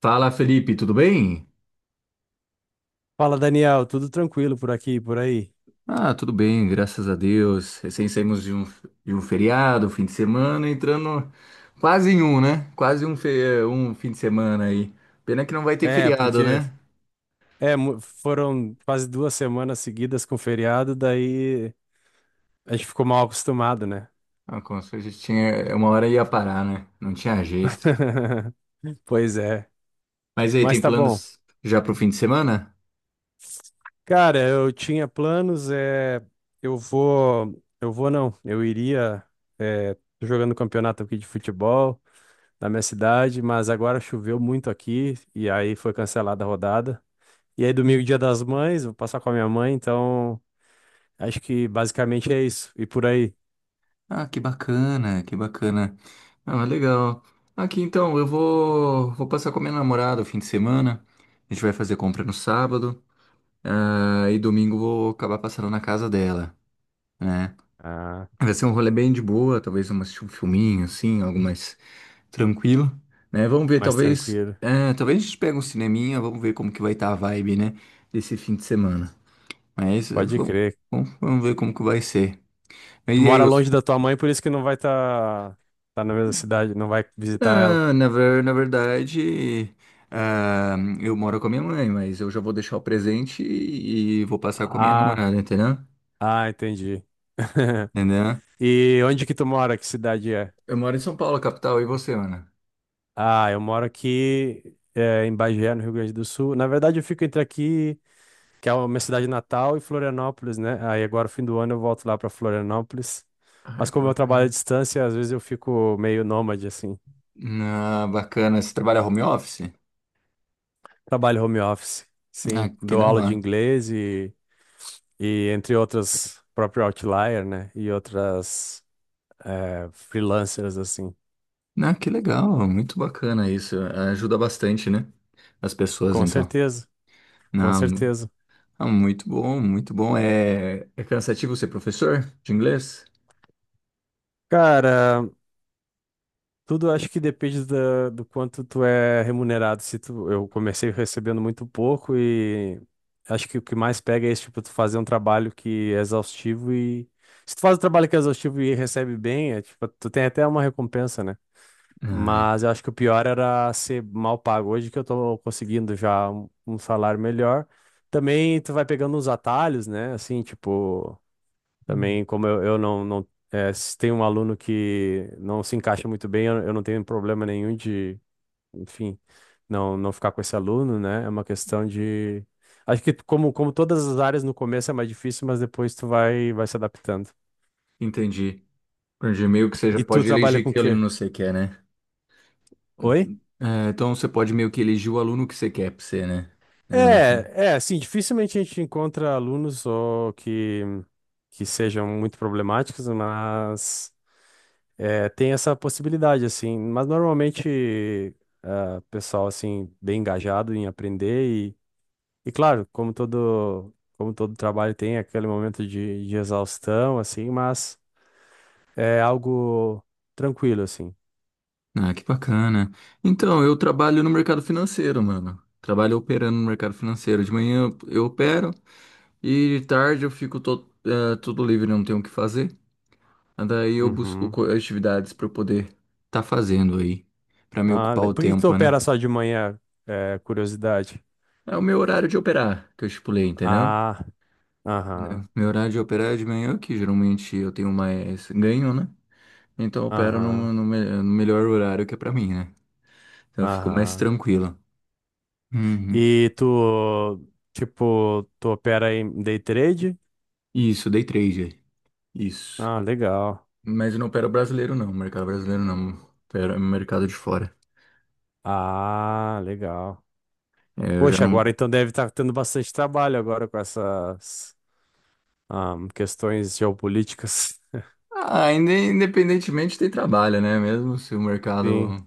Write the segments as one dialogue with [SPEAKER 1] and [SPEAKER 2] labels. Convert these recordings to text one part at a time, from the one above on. [SPEAKER 1] Fala, Felipe, tudo bem?
[SPEAKER 2] Fala, Daniel, tudo tranquilo por aqui, e por aí?
[SPEAKER 1] Ah, tudo bem, graças a Deus. Recém saímos de um feriado, fim de semana, entrando quase em um, né? Quase um, fe- eh, Um fim de semana aí. Pena que não vai ter
[SPEAKER 2] É,
[SPEAKER 1] feriado,
[SPEAKER 2] porque
[SPEAKER 1] né?
[SPEAKER 2] Foram quase duas semanas seguidas com feriado, daí a gente ficou mal acostumado, né?
[SPEAKER 1] Ah, como se a gente tinha uma hora ia parar, né? Não tinha jeito.
[SPEAKER 2] Pois é,
[SPEAKER 1] Mas aí,
[SPEAKER 2] mas
[SPEAKER 1] tem
[SPEAKER 2] tá bom.
[SPEAKER 1] planos já pro fim de semana?
[SPEAKER 2] Cara, eu tinha planos, é, eu vou não, eu iria, é, tô jogando campeonato aqui de futebol na minha cidade, mas agora choveu muito aqui e aí foi cancelada a rodada. E aí domingo, dia das mães, vou passar com a minha mãe, então acho que basicamente é isso. E por aí.
[SPEAKER 1] Ah, que bacana, que bacana. Ah, mas legal. Aqui então, vou passar com a minha namorada o fim de semana. A gente vai fazer compra no sábado. Ah, e domingo vou acabar passando na casa dela, né?
[SPEAKER 2] Ah,
[SPEAKER 1] Vai ser um rolê bem de boa, talvez um filminho, assim, algo mais tranquilo, né? Vamos ver,
[SPEAKER 2] mais
[SPEAKER 1] talvez,
[SPEAKER 2] tranquilo.
[SPEAKER 1] é, talvez a gente pegue um cineminha, vamos ver como que vai estar a vibe, né? Desse fim de semana. Mas
[SPEAKER 2] Pode
[SPEAKER 1] vamos,
[SPEAKER 2] crer.
[SPEAKER 1] vamos, vamos ver como que vai ser. Mas
[SPEAKER 2] Tu
[SPEAKER 1] e aí,
[SPEAKER 2] mora
[SPEAKER 1] eu,
[SPEAKER 2] longe da tua mãe, por isso que não vai tá na mesma cidade, não vai visitar ela.
[SPEAKER 1] na, na, ver- na verdade, ah, eu moro com a minha mãe, mas eu já vou deixar o presente e vou passar com a minha
[SPEAKER 2] Ah,
[SPEAKER 1] namorada, entendeu?
[SPEAKER 2] ah, entendi.
[SPEAKER 1] Entendeu?
[SPEAKER 2] E onde que tu mora? Que cidade é?
[SPEAKER 1] Eu moro em São Paulo, capital, e você, Ana?
[SPEAKER 2] Ah, eu moro aqui é, em Bagé, no Rio Grande do Sul. Na verdade, eu fico entre aqui, que é a minha cidade natal, e Florianópolis, né? Aí agora, fim do ano, eu volto lá para Florianópolis.
[SPEAKER 1] Ah,
[SPEAKER 2] Mas
[SPEAKER 1] que
[SPEAKER 2] como eu trabalho à
[SPEAKER 1] bacana.
[SPEAKER 2] distância, às vezes eu fico meio nômade, assim.
[SPEAKER 1] Ah, bacana. Você trabalha home office?
[SPEAKER 2] Trabalho home office,
[SPEAKER 1] Ah,
[SPEAKER 2] sim.
[SPEAKER 1] que
[SPEAKER 2] Dou
[SPEAKER 1] da
[SPEAKER 2] aula de
[SPEAKER 1] hora.
[SPEAKER 2] inglês e entre outras, próprio Outlier, né? E outras freelancers, assim.
[SPEAKER 1] Ah, que legal. Muito bacana isso. Ajuda bastante, né? As pessoas,
[SPEAKER 2] Com
[SPEAKER 1] então.
[SPEAKER 2] certeza, com
[SPEAKER 1] Não,
[SPEAKER 2] certeza.
[SPEAKER 1] ah, muito bom, muito bom. É, é cansativo ser professor de inglês?
[SPEAKER 2] Cara, tudo acho que depende da, do quanto tu é remunerado. Se tu, eu comecei recebendo muito pouco e acho que o que mais pega é esse tipo, tu fazer um trabalho que é exaustivo e... Se tu faz um trabalho que é exaustivo e recebe bem, é, tipo, tu tem até uma recompensa, né?
[SPEAKER 1] Ah,
[SPEAKER 2] Mas eu acho que o pior era ser mal pago. Hoje que eu tô conseguindo já um salário melhor. Também tu vai pegando uns atalhos, né? Assim, tipo, também como eu, não é, se tem um aluno que não se encaixa muito bem, eu não tenho problema nenhum de, enfim, não ficar com esse aluno, né? É uma questão de. Acho que como todas as áreas no começo é mais difícil, mas depois vai se adaptando.
[SPEAKER 1] entendi. Entendi. Meio que você já
[SPEAKER 2] E tu
[SPEAKER 1] pode
[SPEAKER 2] trabalha
[SPEAKER 1] elegir
[SPEAKER 2] com o
[SPEAKER 1] que
[SPEAKER 2] quê?
[SPEAKER 1] aluno você quer, né?
[SPEAKER 2] Oi?
[SPEAKER 1] Uhum. É, então você pode meio que eleger o aluno que você quer pra você, né? Mais ou menos assim.
[SPEAKER 2] É, assim, dificilmente a gente encontra alunos que sejam muito problemáticos, mas é, tem essa possibilidade, assim. Mas normalmente, ah, pessoal, assim, bem engajado em aprender e claro, como todo trabalho tem aquele momento de exaustão, assim, mas é algo tranquilo, assim.
[SPEAKER 1] Ah, que bacana. Então, eu trabalho no mercado financeiro, mano. Trabalho operando no mercado financeiro. De manhã eu opero e de tarde eu fico todo, tudo livre, não tenho o que fazer. Daí eu busco
[SPEAKER 2] Uhum.
[SPEAKER 1] atividades para eu poder tá fazendo aí, para me
[SPEAKER 2] Ah,
[SPEAKER 1] ocupar o
[SPEAKER 2] por que que tu
[SPEAKER 1] tempo, né?
[SPEAKER 2] opera só de manhã? É, curiosidade.
[SPEAKER 1] É o meu horário de operar que eu estipulei, entendeu?
[SPEAKER 2] Ah,
[SPEAKER 1] Né?
[SPEAKER 2] aham,
[SPEAKER 1] Meu horário de operar é de manhã, que geralmente eu tenho mais ganho, né? Então eu opero
[SPEAKER 2] aham.
[SPEAKER 1] no melhor horário que é pra mim, né? Então eu fico mais
[SPEAKER 2] Aham.
[SPEAKER 1] tranquilo. Uhum.
[SPEAKER 2] E tu, tipo, tu opera em day trade?
[SPEAKER 1] Isso, day trade. Isso.
[SPEAKER 2] Ah, legal.
[SPEAKER 1] Mas eu não opero brasileiro, não. Mercado brasileiro, não. Opero mercado de fora.
[SPEAKER 2] Ah, legal.
[SPEAKER 1] É, eu já
[SPEAKER 2] Poxa,
[SPEAKER 1] não.
[SPEAKER 2] agora então deve estar tendo bastante trabalho agora com essas questões geopolíticas.
[SPEAKER 1] Ah, independentemente tem trabalho, né? Mesmo se o
[SPEAKER 2] Sim,
[SPEAKER 1] mercado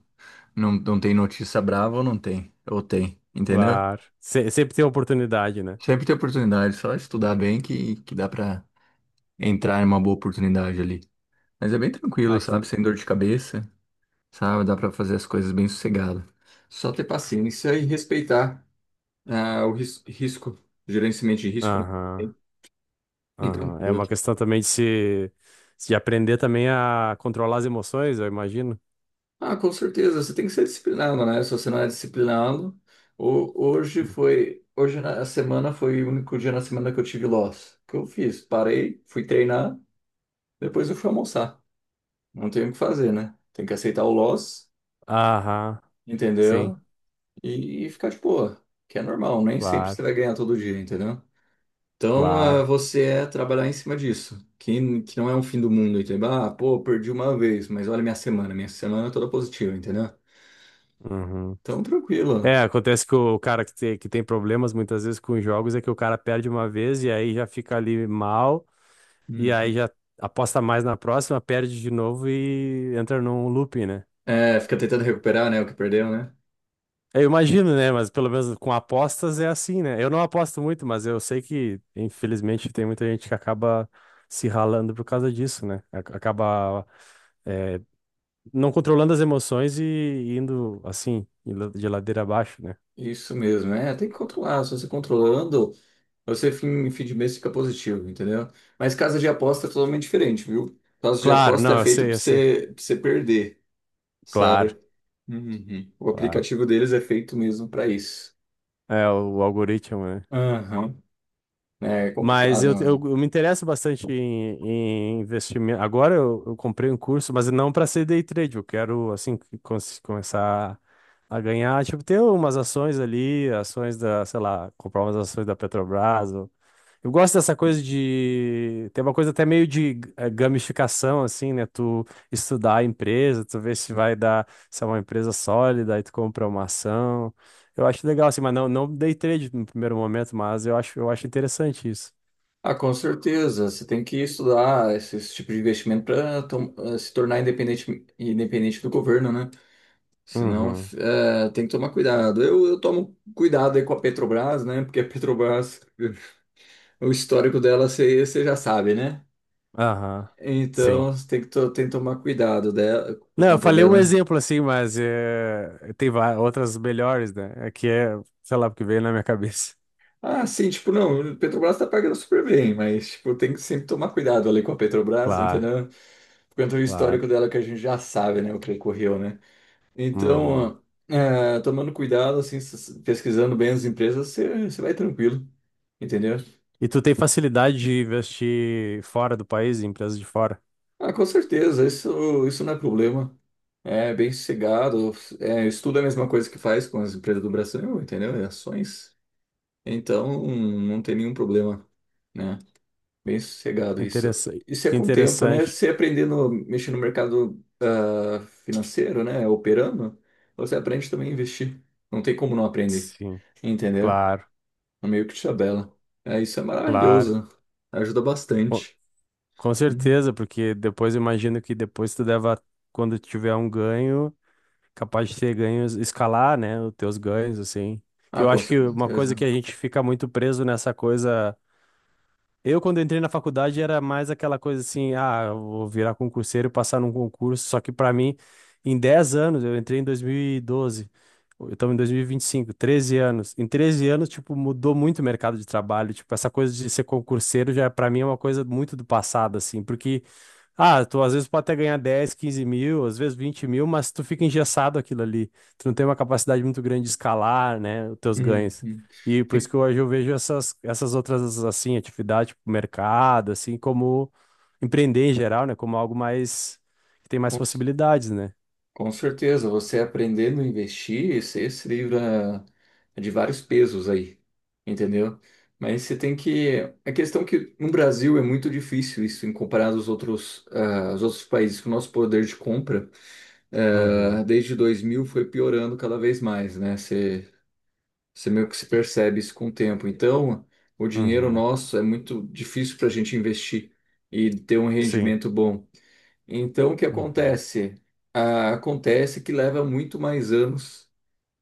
[SPEAKER 1] não tem notícia brava ou não tem. Ou tem, entendeu?
[SPEAKER 2] claro. Sempre tem oportunidade, né?
[SPEAKER 1] Sempre tem oportunidade. Só estudar bem que dá pra entrar em uma boa oportunidade ali. Mas é bem tranquilo, sabe?
[SPEAKER 2] Aquele...
[SPEAKER 1] Sem dor de cabeça, sabe? Dá pra fazer as coisas bem sossegado. Só ter paciência e respeitar o risco, gerenciamento de risco, né?
[SPEAKER 2] Aham,
[SPEAKER 1] E
[SPEAKER 2] aham. É
[SPEAKER 1] tranquilo.
[SPEAKER 2] uma questão também de se, de aprender também a controlar as emoções, eu imagino.
[SPEAKER 1] Ah, com certeza, você tem que ser disciplinado, né? Se você não é disciplinado,
[SPEAKER 2] Hum.
[SPEAKER 1] hoje na semana foi o único dia na semana que eu tive loss. O que eu fiz? Parei, fui treinar, depois eu fui almoçar. Não tenho o que fazer, né? Tem que aceitar o loss,
[SPEAKER 2] Aham, sim,
[SPEAKER 1] entendeu? E ficar de boa, que é normal, nem sempre
[SPEAKER 2] claro,
[SPEAKER 1] você vai ganhar todo dia, entendeu? Então, ah,
[SPEAKER 2] claro.
[SPEAKER 1] você é trabalhar em cima disso, que não é um fim do mundo, entendeu? Ah, pô, perdi uma vez, mas olha minha semana é toda positiva, entendeu?
[SPEAKER 2] Uhum.
[SPEAKER 1] Então, tranquilo.
[SPEAKER 2] É, acontece que o cara que tem problemas muitas vezes com jogos é que o cara perde uma vez e aí já fica ali mal, e aí
[SPEAKER 1] Uhum.
[SPEAKER 2] já aposta mais na próxima, perde de novo e entra num looping, né?
[SPEAKER 1] É, fica tentando recuperar, né, o que perdeu, né?
[SPEAKER 2] Eu imagino, né? Mas pelo menos com apostas é assim, né? Eu não aposto muito, mas eu sei que, infelizmente, tem muita gente que acaba se ralando por causa disso, né? Acaba, é, não controlando as emoções e indo assim, de ladeira abaixo, né?
[SPEAKER 1] Isso mesmo, é, tem que controlar. Se você controlando, você fim de mês fica positivo, entendeu? Mas casa de aposta é totalmente diferente, viu? Casa de
[SPEAKER 2] Claro,
[SPEAKER 1] aposta é
[SPEAKER 2] não, eu
[SPEAKER 1] feita
[SPEAKER 2] sei, eu sei.
[SPEAKER 1] pra você perder,
[SPEAKER 2] Claro,
[SPEAKER 1] sabe? Uhum. O
[SPEAKER 2] claro.
[SPEAKER 1] aplicativo deles é feito mesmo pra isso.
[SPEAKER 2] É, o algoritmo, né?
[SPEAKER 1] Aham. É
[SPEAKER 2] Mas
[SPEAKER 1] complicado, mano.
[SPEAKER 2] eu me interesso bastante em, em investimento. Agora eu comprei um curso, mas não para ser day trade. Eu quero, assim, começar a ganhar, tipo, ter umas ações ali, ações da, sei lá, comprar umas ações da Petrobras, eu gosto dessa coisa de. Tem uma coisa até meio de gamificação, assim, né? Tu estudar a empresa, tu ver se vai dar, se é uma empresa sólida, aí tu compra uma ação. Eu acho legal, assim, mas não dei trade no primeiro momento, mas eu acho interessante isso.
[SPEAKER 1] Ah, com certeza. Você tem que estudar esse tipo de investimento para se tornar independente, independente do governo, né? Senão,
[SPEAKER 2] Uhum.
[SPEAKER 1] é, tem que tomar cuidado. Eu tomo cuidado aí com a Petrobras, né? Porque a Petrobras, o histórico dela, você já sabe, né?
[SPEAKER 2] Aham. Sim.
[SPEAKER 1] Então, tem que tomar cuidado dela, por
[SPEAKER 2] Não, eu
[SPEAKER 1] conta
[SPEAKER 2] falei um
[SPEAKER 1] dela, né?
[SPEAKER 2] exemplo assim, mas eh, outras melhores, né? É que é, sei lá, porque veio na minha cabeça.
[SPEAKER 1] Ah, sim, tipo, não, a Petrobras tá pagando super bem, mas, tipo, tem que sempre tomar cuidado ali com a Petrobras,
[SPEAKER 2] Claro,
[SPEAKER 1] entendeu? Por conta do
[SPEAKER 2] claro.
[SPEAKER 1] histórico dela que a gente já sabe, né? O que ocorreu, né?
[SPEAKER 2] Uhum.
[SPEAKER 1] Então, é, tomando cuidado, assim, pesquisando bem as empresas, você vai tranquilo, entendeu?
[SPEAKER 2] E tu tem facilidade de investir fora do país, em empresas de fora?
[SPEAKER 1] Ah, com certeza, isso não é problema. É bem sossegado. É, estudo é a mesma coisa que faz com as empresas do Brasil, entendeu? É ações. Então, não tem nenhum problema, né? Bem sossegado isso.
[SPEAKER 2] Interessante.
[SPEAKER 1] Isso é
[SPEAKER 2] Que
[SPEAKER 1] com o tempo, né?
[SPEAKER 2] interessante.
[SPEAKER 1] Você aprendendo a mexer no mercado financeiro, né? Operando, você aprende também a investir. Não tem como não aprender,
[SPEAKER 2] Sim,
[SPEAKER 1] entendeu?
[SPEAKER 2] claro,
[SPEAKER 1] É meio que tabela. É, isso é
[SPEAKER 2] claro.
[SPEAKER 1] maravilhoso. Ajuda
[SPEAKER 2] Com,
[SPEAKER 1] bastante.
[SPEAKER 2] com
[SPEAKER 1] Hum.
[SPEAKER 2] certeza, porque depois eu imagino que depois tu deva, quando tiver um ganho, capaz de ter ganhos, escalar, né, os teus ganhos, assim. Que
[SPEAKER 1] Ah,
[SPEAKER 2] eu
[SPEAKER 1] com
[SPEAKER 2] acho que uma coisa que
[SPEAKER 1] certeza.
[SPEAKER 2] a gente fica muito preso nessa coisa. Eu, quando entrei na faculdade, era mais aquela coisa assim, ah, eu vou virar concurseiro, passar num concurso, só que para mim, em 10 anos, eu entrei em 2012, eu estamos em 2025, 13 anos. Em 13 anos, tipo, mudou muito o mercado de trabalho, tipo, essa coisa de ser concurseiro já para mim é uma coisa muito do passado, assim, porque, ah, tu às vezes pode até ganhar 10, 15 mil, às vezes 20 mil, mas tu fica engessado aquilo ali, tu não tem uma capacidade muito grande de escalar, né, os teus
[SPEAKER 1] Hum,
[SPEAKER 2] ganhos.
[SPEAKER 1] hum.
[SPEAKER 2] E por isso que hoje eu vejo essas outras, assim, atividades, tipo mercado, assim, como empreender em geral, né? Como algo mais, que tem mais
[SPEAKER 1] Com,
[SPEAKER 2] possibilidades, né?
[SPEAKER 1] com certeza, você aprendendo a investir, você se livra de vários pesos aí, entendeu? Mas você tem que. A questão é que no Brasil é muito difícil isso em comparado aos outros, ah, aos outros países, que o nosso poder de compra,
[SPEAKER 2] Uhum,
[SPEAKER 1] ah, desde 2000 foi piorando cada vez mais, né? Você meio que se percebe isso com o tempo. Então, o dinheiro
[SPEAKER 2] uhum,
[SPEAKER 1] nosso é muito difícil para a gente investir e ter um
[SPEAKER 2] sim,
[SPEAKER 1] rendimento bom. Então, o que
[SPEAKER 2] uhum,
[SPEAKER 1] acontece? Ah, acontece que leva muito mais anos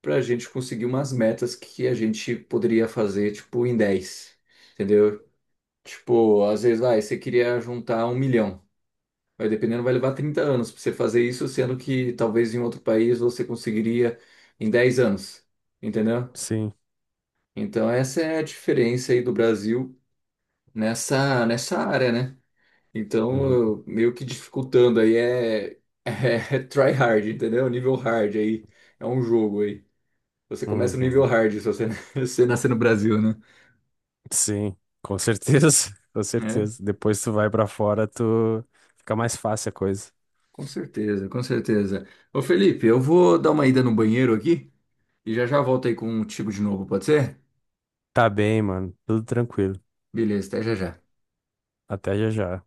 [SPEAKER 1] para a gente conseguir umas metas que a gente poderia fazer, tipo, em 10 entendeu? Tipo, às vezes, vai, você queria juntar 1 milhão. Vai dependendo, vai levar 30 anos para você fazer isso, sendo que talvez em outro país você conseguiria em 10 anos, entendeu?
[SPEAKER 2] sim,
[SPEAKER 1] Então, essa é a diferença aí do Brasil nessa área, né? Então,
[SPEAKER 2] uhum,
[SPEAKER 1] meio que dificultando aí é, é, try hard, entendeu? Nível hard aí. É um jogo aí. Você começa no nível
[SPEAKER 2] uhum,
[SPEAKER 1] hard se você, você nascer no Brasil, né?
[SPEAKER 2] sim, com certeza, com
[SPEAKER 1] É,
[SPEAKER 2] certeza. Depois tu vai pra fora, tu fica mais fácil a coisa.
[SPEAKER 1] com certeza, com certeza. Ô Felipe, eu vou dar uma ida no banheiro aqui e já já volto aí com o Tigo de novo, pode ser?
[SPEAKER 2] Tá bem, mano, tudo tranquilo.
[SPEAKER 1] Beleza, até já já.
[SPEAKER 2] Até já já.